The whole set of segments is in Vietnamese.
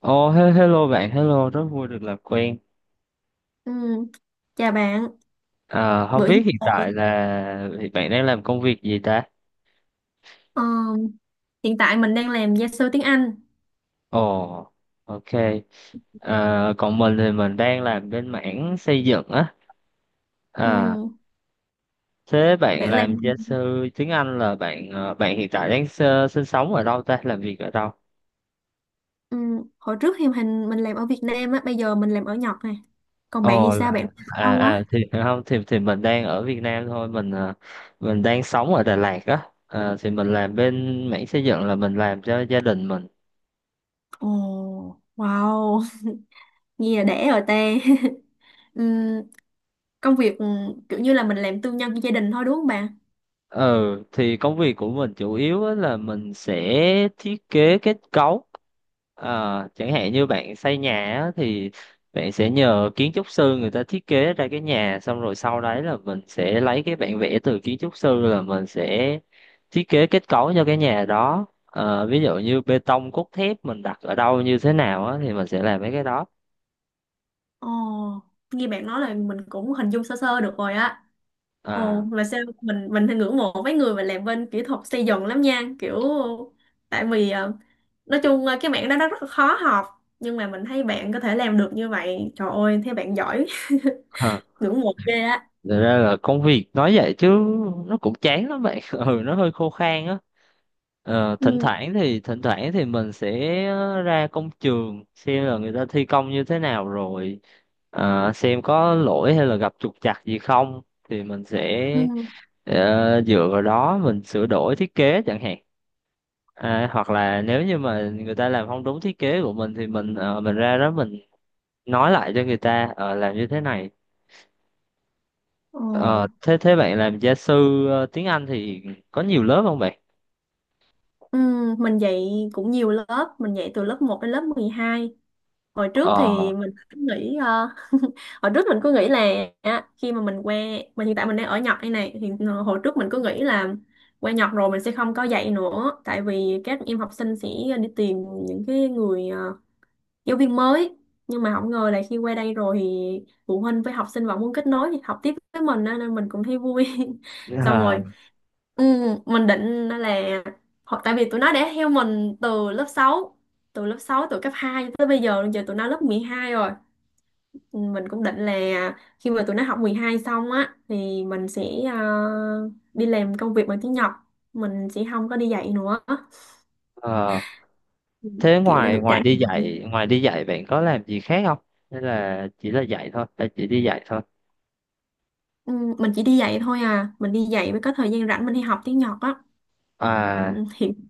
Ồ, hello bạn, hello, rất vui được làm quen. Ừ, chào bạn. À, không Bữa biết hiện tại thì bạn đang làm công việc gì ta? ờ, Hiện tại mình đang làm gia sư tiếng Anh. Ồ, ok. À, còn mình thì mình đang làm bên mảng xây dựng á. Ừ, À, thế bạn bạn làm làm gia sư tiếng Anh là bạn hiện tại đang sinh sống ở đâu ta? Làm việc ở đâu? ừ, Hồi trước thì hình mình làm ở Việt Nam á, bây giờ mình làm ở Nhật nè. Còn bạn thì Ồ là sao? Bạn làm ở à đâu à á? thì không thì thì Mình đang ở Việt Nam thôi, mình đang sống ở Đà Lạt á. À, thì mình làm bên mảng xây dựng là mình làm cho gia đình mình. Ồ, wow, nghe là đẻ rồi ta. Ừ, công việc ừ, Kiểu như là mình làm tư nhân cho gia đình thôi đúng không bạn? ờ thì công việc của mình chủ yếu á là mình sẽ thiết kế kết cấu. À, chẳng hạn như bạn xây nhà á, thì bạn sẽ nhờ kiến trúc sư người ta thiết kế ra cái nhà, xong rồi sau đấy là mình sẽ lấy cái bản vẽ từ kiến trúc sư là mình sẽ thiết kế kết cấu cho cái nhà đó. Ờ, ví dụ như bê tông cốt thép mình đặt ở đâu như thế nào á, thì mình sẽ làm mấy cái đó. Ồ, nghe bạn nói là mình cũng hình dung sơ sơ được rồi á. À Ồ, là sao mình thì ngưỡng mộ mấy người mà làm bên kỹ thuật xây dựng lắm nha, kiểu tại vì nói chung cái mảng đó nó rất là khó học, nhưng mà mình thấy bạn có thể làm được như vậy, trời ơi, thấy bạn giỏi, ha. ngưỡng mộ ghê á. Thật ra là công việc nói vậy chứ nó cũng chán lắm bạn, ừ, nó hơi khô khan á. Ờ, thỉnh Ừ, thoảng thì thỉnh thoảng thì mình sẽ ra công trường xem là người ta thi công như thế nào rồi, xem có lỗi hay là gặp trục trặc gì không, thì mình sẽ, ừ. Dựa vào đó mình sửa đổi thiết kế chẳng hạn. À, hoặc là nếu như mà người ta làm không đúng thiết kế của mình thì mình ra đó mình nói lại cho người ta, làm như thế này. Ồ. Ờ, thế thế bạn làm gia sư tiếng Anh thì có nhiều lớp không bạn? Ừ, mình dạy cũng nhiều lớp, mình dạy từ lớp một đến lớp 12. Hồi trước thì Ờ, mình cứ nghĩ hồi trước mình cứ nghĩ là á, khi mà mình qua mà hiện tại mình đang ở Nhật đây này thì hồi trước mình cứ nghĩ là qua Nhật rồi mình sẽ không có dạy nữa, tại vì các em học sinh sẽ đi tìm những cái người giáo viên mới, nhưng mà không ngờ là khi qua đây rồi thì phụ huynh với học sinh vẫn muốn kết nối học tiếp với mình á, nên mình cũng thấy vui. Xong rồi. Ừ, mình định là hoặc tại vì tụi nó đã theo mình từ lớp sáu từ cấp 2 tới bây giờ giờ tụi nó lớp 12 rồi. Ừ, mình cũng định là khi mà tụi nó học 12 xong á thì mình sẽ ờ, đi làm công việc bằng tiếng Nhật, mình sẽ không có đi dạy nữa. à, Ừ, thế kiểu đã ngoài được trải nghiệm. Ngoài đi dạy bạn có làm gì khác không? Hay là chỉ là dạy thôi, hay chỉ đi dạy thôi. Ừ, mình chỉ đi dạy thôi à, mình đi dạy mới có thời gian rảnh mình đi học tiếng Nhật á. À, Ừ, hiện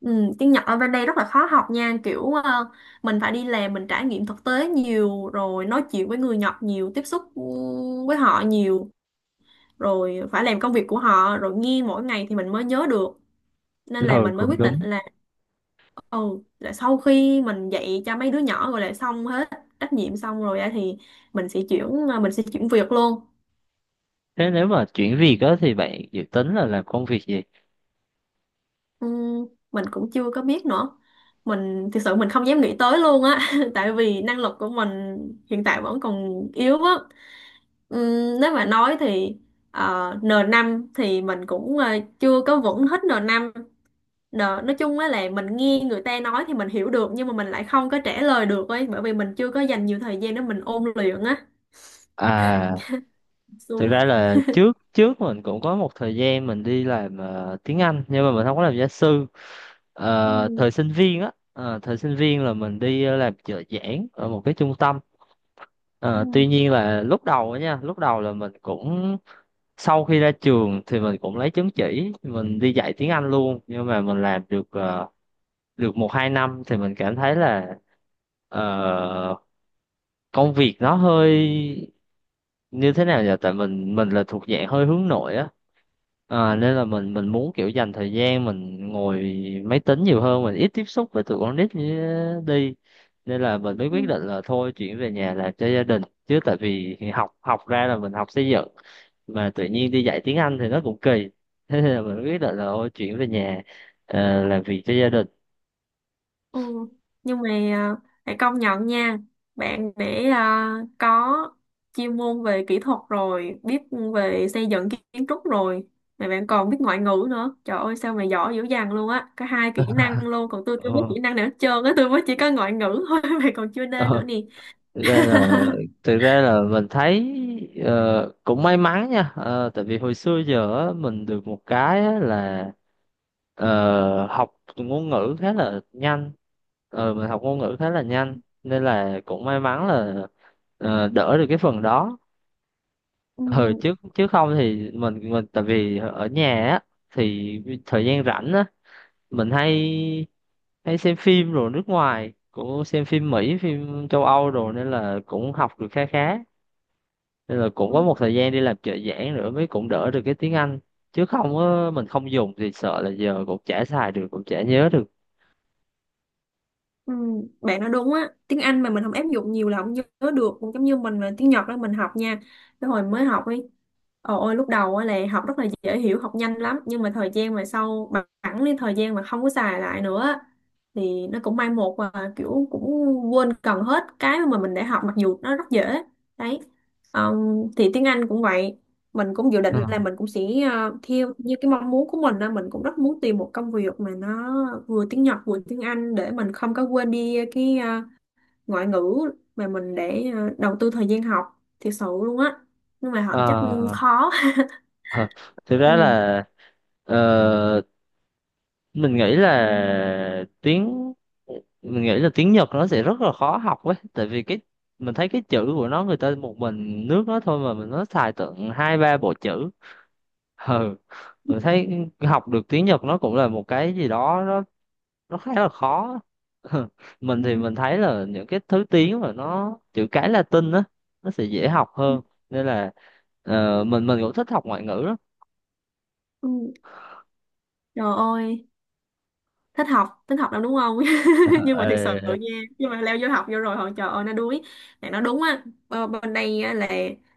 Ừ, tiếng Nhật ở bên đây rất là khó học nha, kiểu mình phải đi làm mình trải nghiệm thực tế nhiều rồi nói chuyện với người Nhật nhiều, tiếp xúc với họ nhiều rồi phải làm công việc của họ rồi nghe mỗi ngày thì mình mới nhớ được, nên là ừ, mình mới cũng quyết đúng. định ừ là sau khi mình dạy cho mấy đứa nhỏ rồi là xong hết trách nhiệm xong rồi á thì mình sẽ chuyển việc luôn. Thế nếu mà chuyển việc đó thì bạn dự tính là làm công việc gì? Ừ, mình cũng chưa có biết nữa, mình thực sự mình không dám nghĩ tới luôn á. Tại vì năng lực của mình hiện tại vẫn còn yếu á. Nếu mà nói thì n năm thì mình cũng chưa có vững hết n năm. Nói chung á là mình nghe người ta nói thì mình hiểu được nhưng mà mình lại không có trả lời được ấy, bởi vì mình chưa có dành nhiều thời gian để mình ôn luyện á. À, thực Xu. ra là trước trước mình cũng có một thời gian mình đi làm tiếng Anh nhưng mà mình không có làm gia sư. Ờ, Ừ, thời sinh viên á, thời sinh viên là mình đi làm trợ giảng ở một cái trung tâm. ừ, Ờ, tuy nhiên là lúc đầu á nha, lúc đầu là mình cũng, sau khi ra trường thì mình cũng lấy chứng chỉ mình đi dạy tiếng Anh luôn, nhưng mà mình làm được một hai năm thì mình cảm thấy là, ờ, công việc nó hơi như thế nào nhỉ, tại mình là thuộc dạng hơi hướng nội á. Ờ, nên là mình muốn kiểu dành thời gian mình ngồi máy tính nhiều hơn, mình ít tiếp xúc với tụi con nít như đi. Nên là mình mới ừ. quyết định là thôi chuyển về nhà làm cho gia đình, chứ tại vì học, học ra là mình học xây dựng mà tự nhiên đi dạy tiếng Anh thì nó cũng kỳ. Thế nên là mình quyết định là thôi chuyển về nhà, làm việc cho gia đình. Ừ. Nhưng mà phải công nhận nha bạn, để có chuyên môn về kỹ thuật rồi biết về xây dựng kiến trúc rồi mà bạn còn biết ngoại ngữ nữa, trời ơi sao mà giỏi dữ dằn luôn á, có hai kỹ năng luôn, còn tôi chưa biết Ờ, kỹ năng nào hết trơn á, tôi mới chỉ có ngoại ngữ thôi mà còn chưa nên ờ, nữa nè. thực ra là thực ra là mình thấy, cũng may mắn nha. Ờ, tại vì hồi xưa giờ á, mình được một cái á là, học ngôn ngữ khá là nhanh. Ờ, mình học ngôn ngữ khá là nhanh, nên là cũng may mắn là, đỡ được cái phần đó. Ừ, chứ chứ không thì mình, tại vì ở nhà á, thì thời gian rảnh á mình hay hay xem phim, rồi nước ngoài cũng xem phim Mỹ phim châu Âu rồi, nên là cũng học được khá khá. Nên là cũng Ừ. có một thời gian đi làm trợ giảng nữa mới cũng đỡ được cái tiếng Anh, chứ không á, mình không dùng thì sợ là giờ cũng chả xài được cũng chả nhớ được. Ừ, bạn nói đúng á, tiếng Anh mà mình không áp dụng nhiều là không nhớ được, cũng giống như mình là tiếng Nhật đó mình học nha, cái hồi mới học ấy, ồ ôi lúc đầu á là học rất là dễ hiểu học nhanh lắm, nhưng mà thời gian mà sau bằng phẳng đi thời gian mà không có xài lại nữa á, thì nó cũng mai một và kiểu cũng quên gần hết cái mà mình đã học mặc dù nó rất dễ đấy. Ờ, thì tiếng Anh cũng vậy, mình cũng dự định Ừ. là mình cũng sẽ theo như cái mong muốn của mình á, mình cũng rất muốn tìm một công việc mà nó vừa tiếng Nhật vừa tiếng Anh để mình không có quên đi cái ngoại ngữ mà mình để đầu tư thời gian học thiệt sự luôn á, nhưng mà họ chắc Ờ, khó. hờ, thực ra Ừ. là, ờ, mình nghĩ là tiếng mình nghĩ là tiếng Nhật nó sẽ rất là khó học ấy, tại vì mình thấy cái chữ của nó, người ta một mình nước nó thôi mà mình nó xài tận hai ba bộ chữ. Ừ, mình thấy học được tiếng Nhật nó cũng là một cái gì đó, nó khá là khó. Mình Ừ. thì mình thấy là những cái thứ tiếng mà nó chữ cái Latin á, nó sẽ dễ học hơn. Nên là, mình cũng thích học ngoại ngữ lắm. Ừ. Trời ơi thích học lắm đúng không. Nhưng mà thực sự Ờ, nha, nhưng mà leo vô học vô rồi họ trời ơi nó đuối. Mẹ nó đúng á, bên đây á, là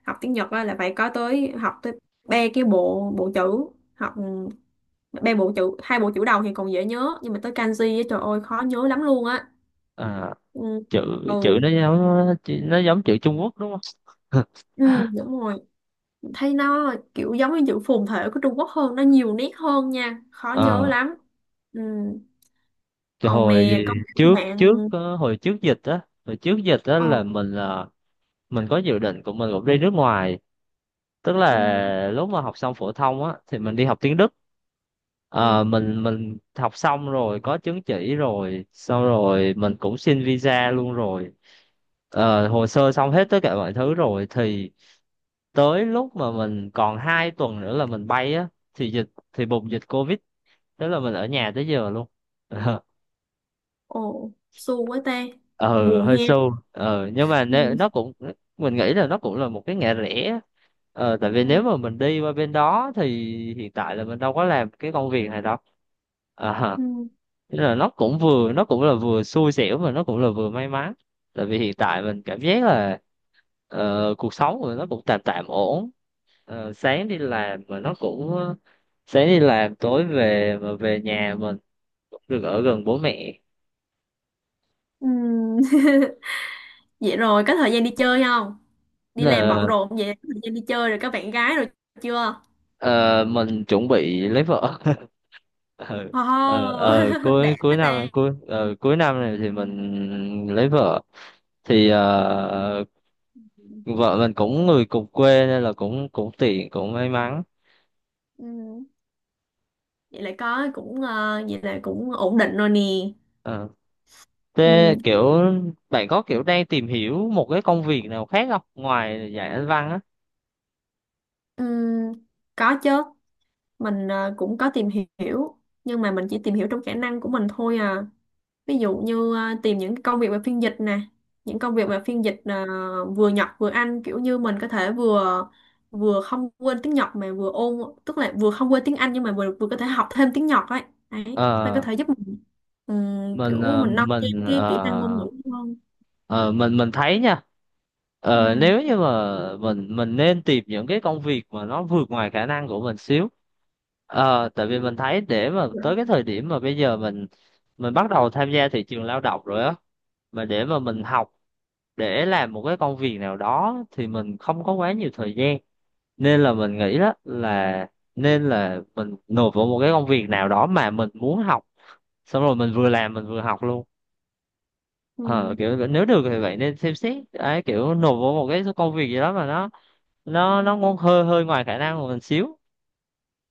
học tiếng Nhật á, là phải có tới học tới ba cái bộ bộ chữ, học ba bộ chữ, hai bộ chữ đầu thì còn dễ nhớ, nhưng mà tới kanji á, trời ơi khó nhớ lắm luôn á. à, Ừ. chữ chữ Ừ, nó giống chữ Trung Quốc đúng không? ừ, đúng rồi, thấy nó kiểu giống như chữ phồn thể của Trung Quốc hơn, nó nhiều nét hơn nha, khó nhớ Ờ, lắm. Ừ. cái Ồ hồi mè công trước bạn. trước hồi trước dịch á, Ồ, là mình có dự định của mình cũng đi nước ngoài, tức ừ, là lúc mà học xong phổ thông á thì mình đi học tiếng Đức. ừ. Ờ, mình học xong rồi có chứng chỉ rồi, xong rồi mình cũng xin visa luôn rồi. Ờ, hồ sơ xong hết tất cả mọi thứ rồi, thì tới lúc mà mình còn 2 tuần nữa là mình bay á, thì dịch thì bùng dịch covid. Tức là mình ở nhà tới giờ luôn. ờ Ồ, xu quá ta. ừ, Buồn he. hơi sâu, nhưng mà Ừ. Nó cũng, mình nghĩ là nó cũng là một cái ngã rẽ. Tại vì nếu Ừ. mà mình đi qua bên đó thì hiện tại là mình đâu có làm cái công việc này đâu. ờ Ừ. Thế là nó cũng vừa, nó cũng là vừa xui xẻo mà nó cũng là vừa may mắn. Tại vì hiện tại mình cảm giác là, ờ, cuộc sống của nó cũng tạm tạm ổn. Ờ, sáng đi làm tối về, mà về nhà mình cũng được ở gần bố mẹ. Ừ. Vậy rồi, có thời gian đi chơi không? Đi làm bận Là, rộn vậy, có thời gian đi chơi rồi, có bạn gái rồi chưa? ờ, mình chuẩn bị lấy vợ. Ờ, Oh, cuối đã cuối quá năm ta. cuối ờ, cuối năm này thì mình lấy vợ. Thì, vợ mình cũng người cùng quê nên là cũng cũng tiện, may mắn. Ừ. Vậy là có cũng vậy là cũng ổn định rồi nè. Ờ. Thế Ừ. kiểu bạn có kiểu đang tìm hiểu một cái công việc nào khác không, ngoài dạy anh văn á? Ừ. Có chứ. Mình cũng có tìm hiểu, nhưng mà mình chỉ tìm hiểu trong khả năng của mình thôi à. Ví dụ như tìm những công việc về phiên dịch nè, những công việc về phiên dịch vừa Nhật vừa Anh, kiểu như mình có thể vừa vừa không quên tiếng Nhật mà vừa ôn, tức là vừa không quên tiếng Anh nhưng mà vừa vừa có thể học thêm tiếng Nhật ấy, đấy nó có Ờ, thể giúp mình mình kiểu ờ, mình nâng cao mình cái kỹ năng ngôn ngữ ờ, hơn. mình thấy nha, Ừ. nếu như mà mình nên tìm những cái công việc mà nó vượt ngoài khả năng của mình xíu. Tại vì mình thấy để mà tới cái thời điểm mà bây giờ mình bắt đầu tham gia thị trường lao động rồi á, mà để mà mình học để làm một cái công việc nào đó thì mình không có quá nhiều thời gian. Nên là mình nghĩ đó là nên là mình nộp vào một cái công việc nào đó mà mình muốn học, xong rồi mình vừa làm mình vừa học luôn. Ờ Ừ. Kiểu nếu được thì vậy, nên xem xét ấy, kiểu nộp vào một cái công việc gì đó mà nó ngon, hơi hơi ngoài khả năng của mình xíu.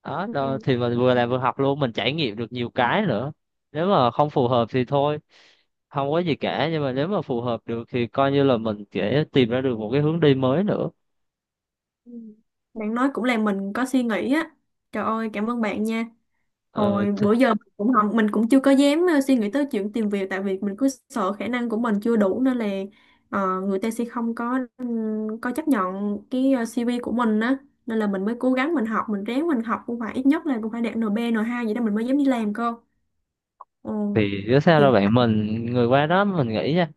Đó, Ừ. đó thì mình vừa làm vừa học luôn, mình trải nghiệm được nhiều cái nữa. Nếu mà không phù hợp thì thôi, không có gì cả, nhưng mà nếu mà phù hợp được thì coi như là mình sẽ tìm ra được một cái hướng đi mới nữa. Ừ. Bạn nói cũng làm mình có suy nghĩ á, trời ơi cảm ơn bạn nha. ờ, Hồi bữa giờ mình cũng không, mình cũng chưa có dám suy nghĩ tới chuyện tìm việc tại vì mình cứ sợ khả năng của mình chưa đủ, nên là người ta sẽ không có có chấp nhận cái CV của mình á, nên là mình mới cố gắng mình học mình ráng mình học cũng phải ít nhất là cũng phải đạt NB N2 vậy đó mình mới dám đi làm cơ. Ừ. thì chứ sao Hiện đâu bạn, mình người qua đó mình nghĩ nha,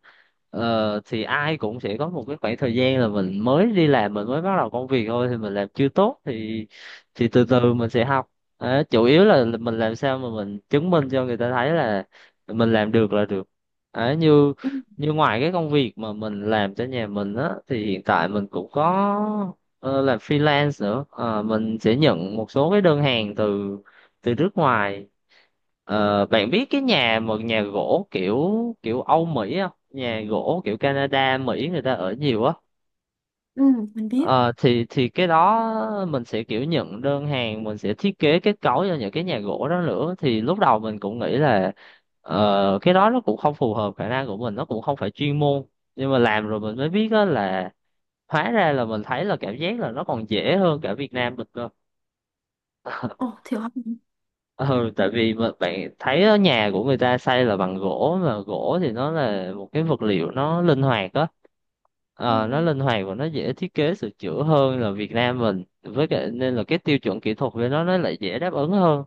thì ai cũng sẽ có một cái khoảng thời gian là mình mới đi làm, mình mới bắt đầu công việc thôi, thì mình làm chưa tốt thì từ Ừ. từ mình sẽ học. Đó, chủ yếu là mình làm sao mà mình chứng minh cho người ta thấy là mình làm được là được. Đó, như Ừ, như ngoài cái công việc mà mình làm cho nhà mình á, thì hiện tại mình cũng có, làm freelance nữa. Ờ, mình sẽ nhận một số cái đơn hàng từ, từ nước ngoài. Ờ, bạn biết cái một nhà gỗ kiểu kiểu Âu Mỹ không? Nhà gỗ kiểu Canada, Mỹ người ta ở nhiều á. ừ, mình biết. Ờ, thì cái đó mình sẽ kiểu nhận đơn hàng, mình sẽ thiết kế kết cấu cho những cái nhà gỗ đó nữa. Thì lúc đầu mình cũng nghĩ là, cái đó nó cũng không phù hợp khả năng của mình, nó cũng không phải chuyên môn. Nhưng mà làm rồi mình mới biết á, là hóa ra là mình thấy, là cảm giác là nó còn dễ hơn cả Việt Nam mình cơ. Ồ thiệt hả? Ừ, tại vì mà bạn thấy ở nhà của người ta xây là bằng gỗ, mà gỗ thì nó là một cái vật liệu nó linh hoạt á. Ừ. Ờ, nó linh hoạt và nó dễ thiết kế sửa chữa hơn là Việt Nam mình, với cả nên là cái tiêu chuẩn kỹ thuật của nó lại dễ đáp ứng hơn.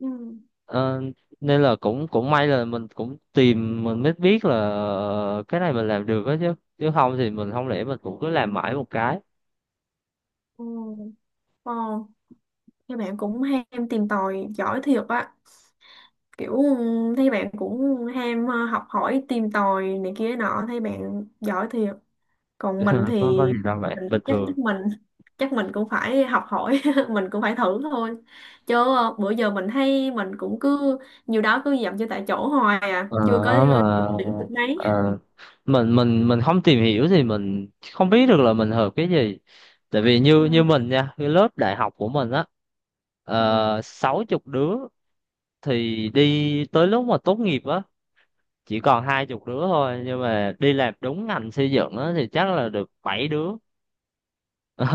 Ừ. Ừ. Ờ, nên là cũng cũng may là mình cũng tìm, mình mới biết là, cái này mình làm được á, chứ chứ không thì mình, không lẽ mình cũng cứ làm mãi một cái. Ồ. Ồ, các bạn cũng ham tìm tòi giỏi thiệt á, kiểu ừ, thấy bạn cũng ham học hỏi tìm tòi này kia nọ, thấy bạn giỏi thiệt, còn mình thì Có gì đâu vậy, mình bình chắc thường. Chắc mình cũng phải học hỏi. Mình cũng phải thử thôi, chứ bữa giờ mình thấy mình cũng cứ nhiều đó cứ dậm chân tại chỗ hoài à, Ờ, chưa có mà, điểm được mấy. ờ, mình không tìm hiểu thì mình không biết được là mình hợp cái gì. Tại vì như như Ừ, mình nha, cái lớp đại học của mình á, ừ, 60 đứa, thì đi tới lúc mà tốt nghiệp á chỉ còn 20 đứa thôi, nhưng mà đi làm đúng ngành xây dựng á thì chắc là được bảy đứa.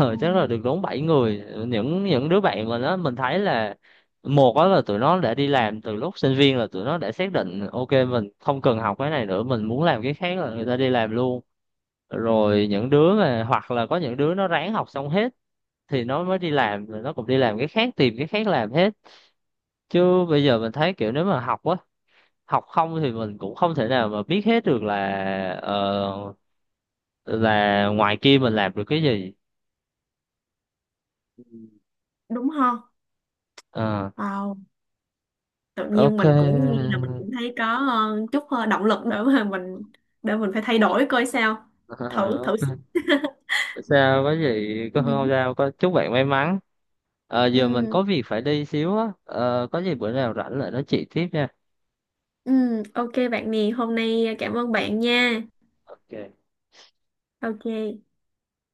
ừ. Chắc là được đúng 7 người. Những đứa bạn mà nó mình thấy là, một đó là tụi nó đã đi làm từ lúc sinh viên, là tụi nó đã xác định ok mình không cần học cái này nữa, mình muốn làm cái khác là người ta đi làm luôn. Rồi những đứa mà, hoặc là có những đứa nó ráng học xong hết thì nó mới đi làm, rồi nó cũng đi làm cái khác, tìm cái khác làm hết. Chứ bây giờ mình thấy kiểu nếu mà học á, học không thì mình cũng không thể nào mà biết hết được là, ờ, là ngoài kia mình làm được cái gì. Đúng không. Ờ, Wow, tự nhiên ok. mình cũng nghe là mình cũng thấy có chút động lực để mà mình để mình phải thay đổi coi sao, thử thử sức. Ờ, sao có gì, có Ừ. không sao, có chúc bạn may mắn. Ờ, giờ mình Ừ, có việc phải đi xíu á. Ờ, có gì bữa nào rảnh lại nói chuyện tiếp nha. ừ, ok bạn nè, hôm nay à, cảm ơn bạn nha. Ok. Ok.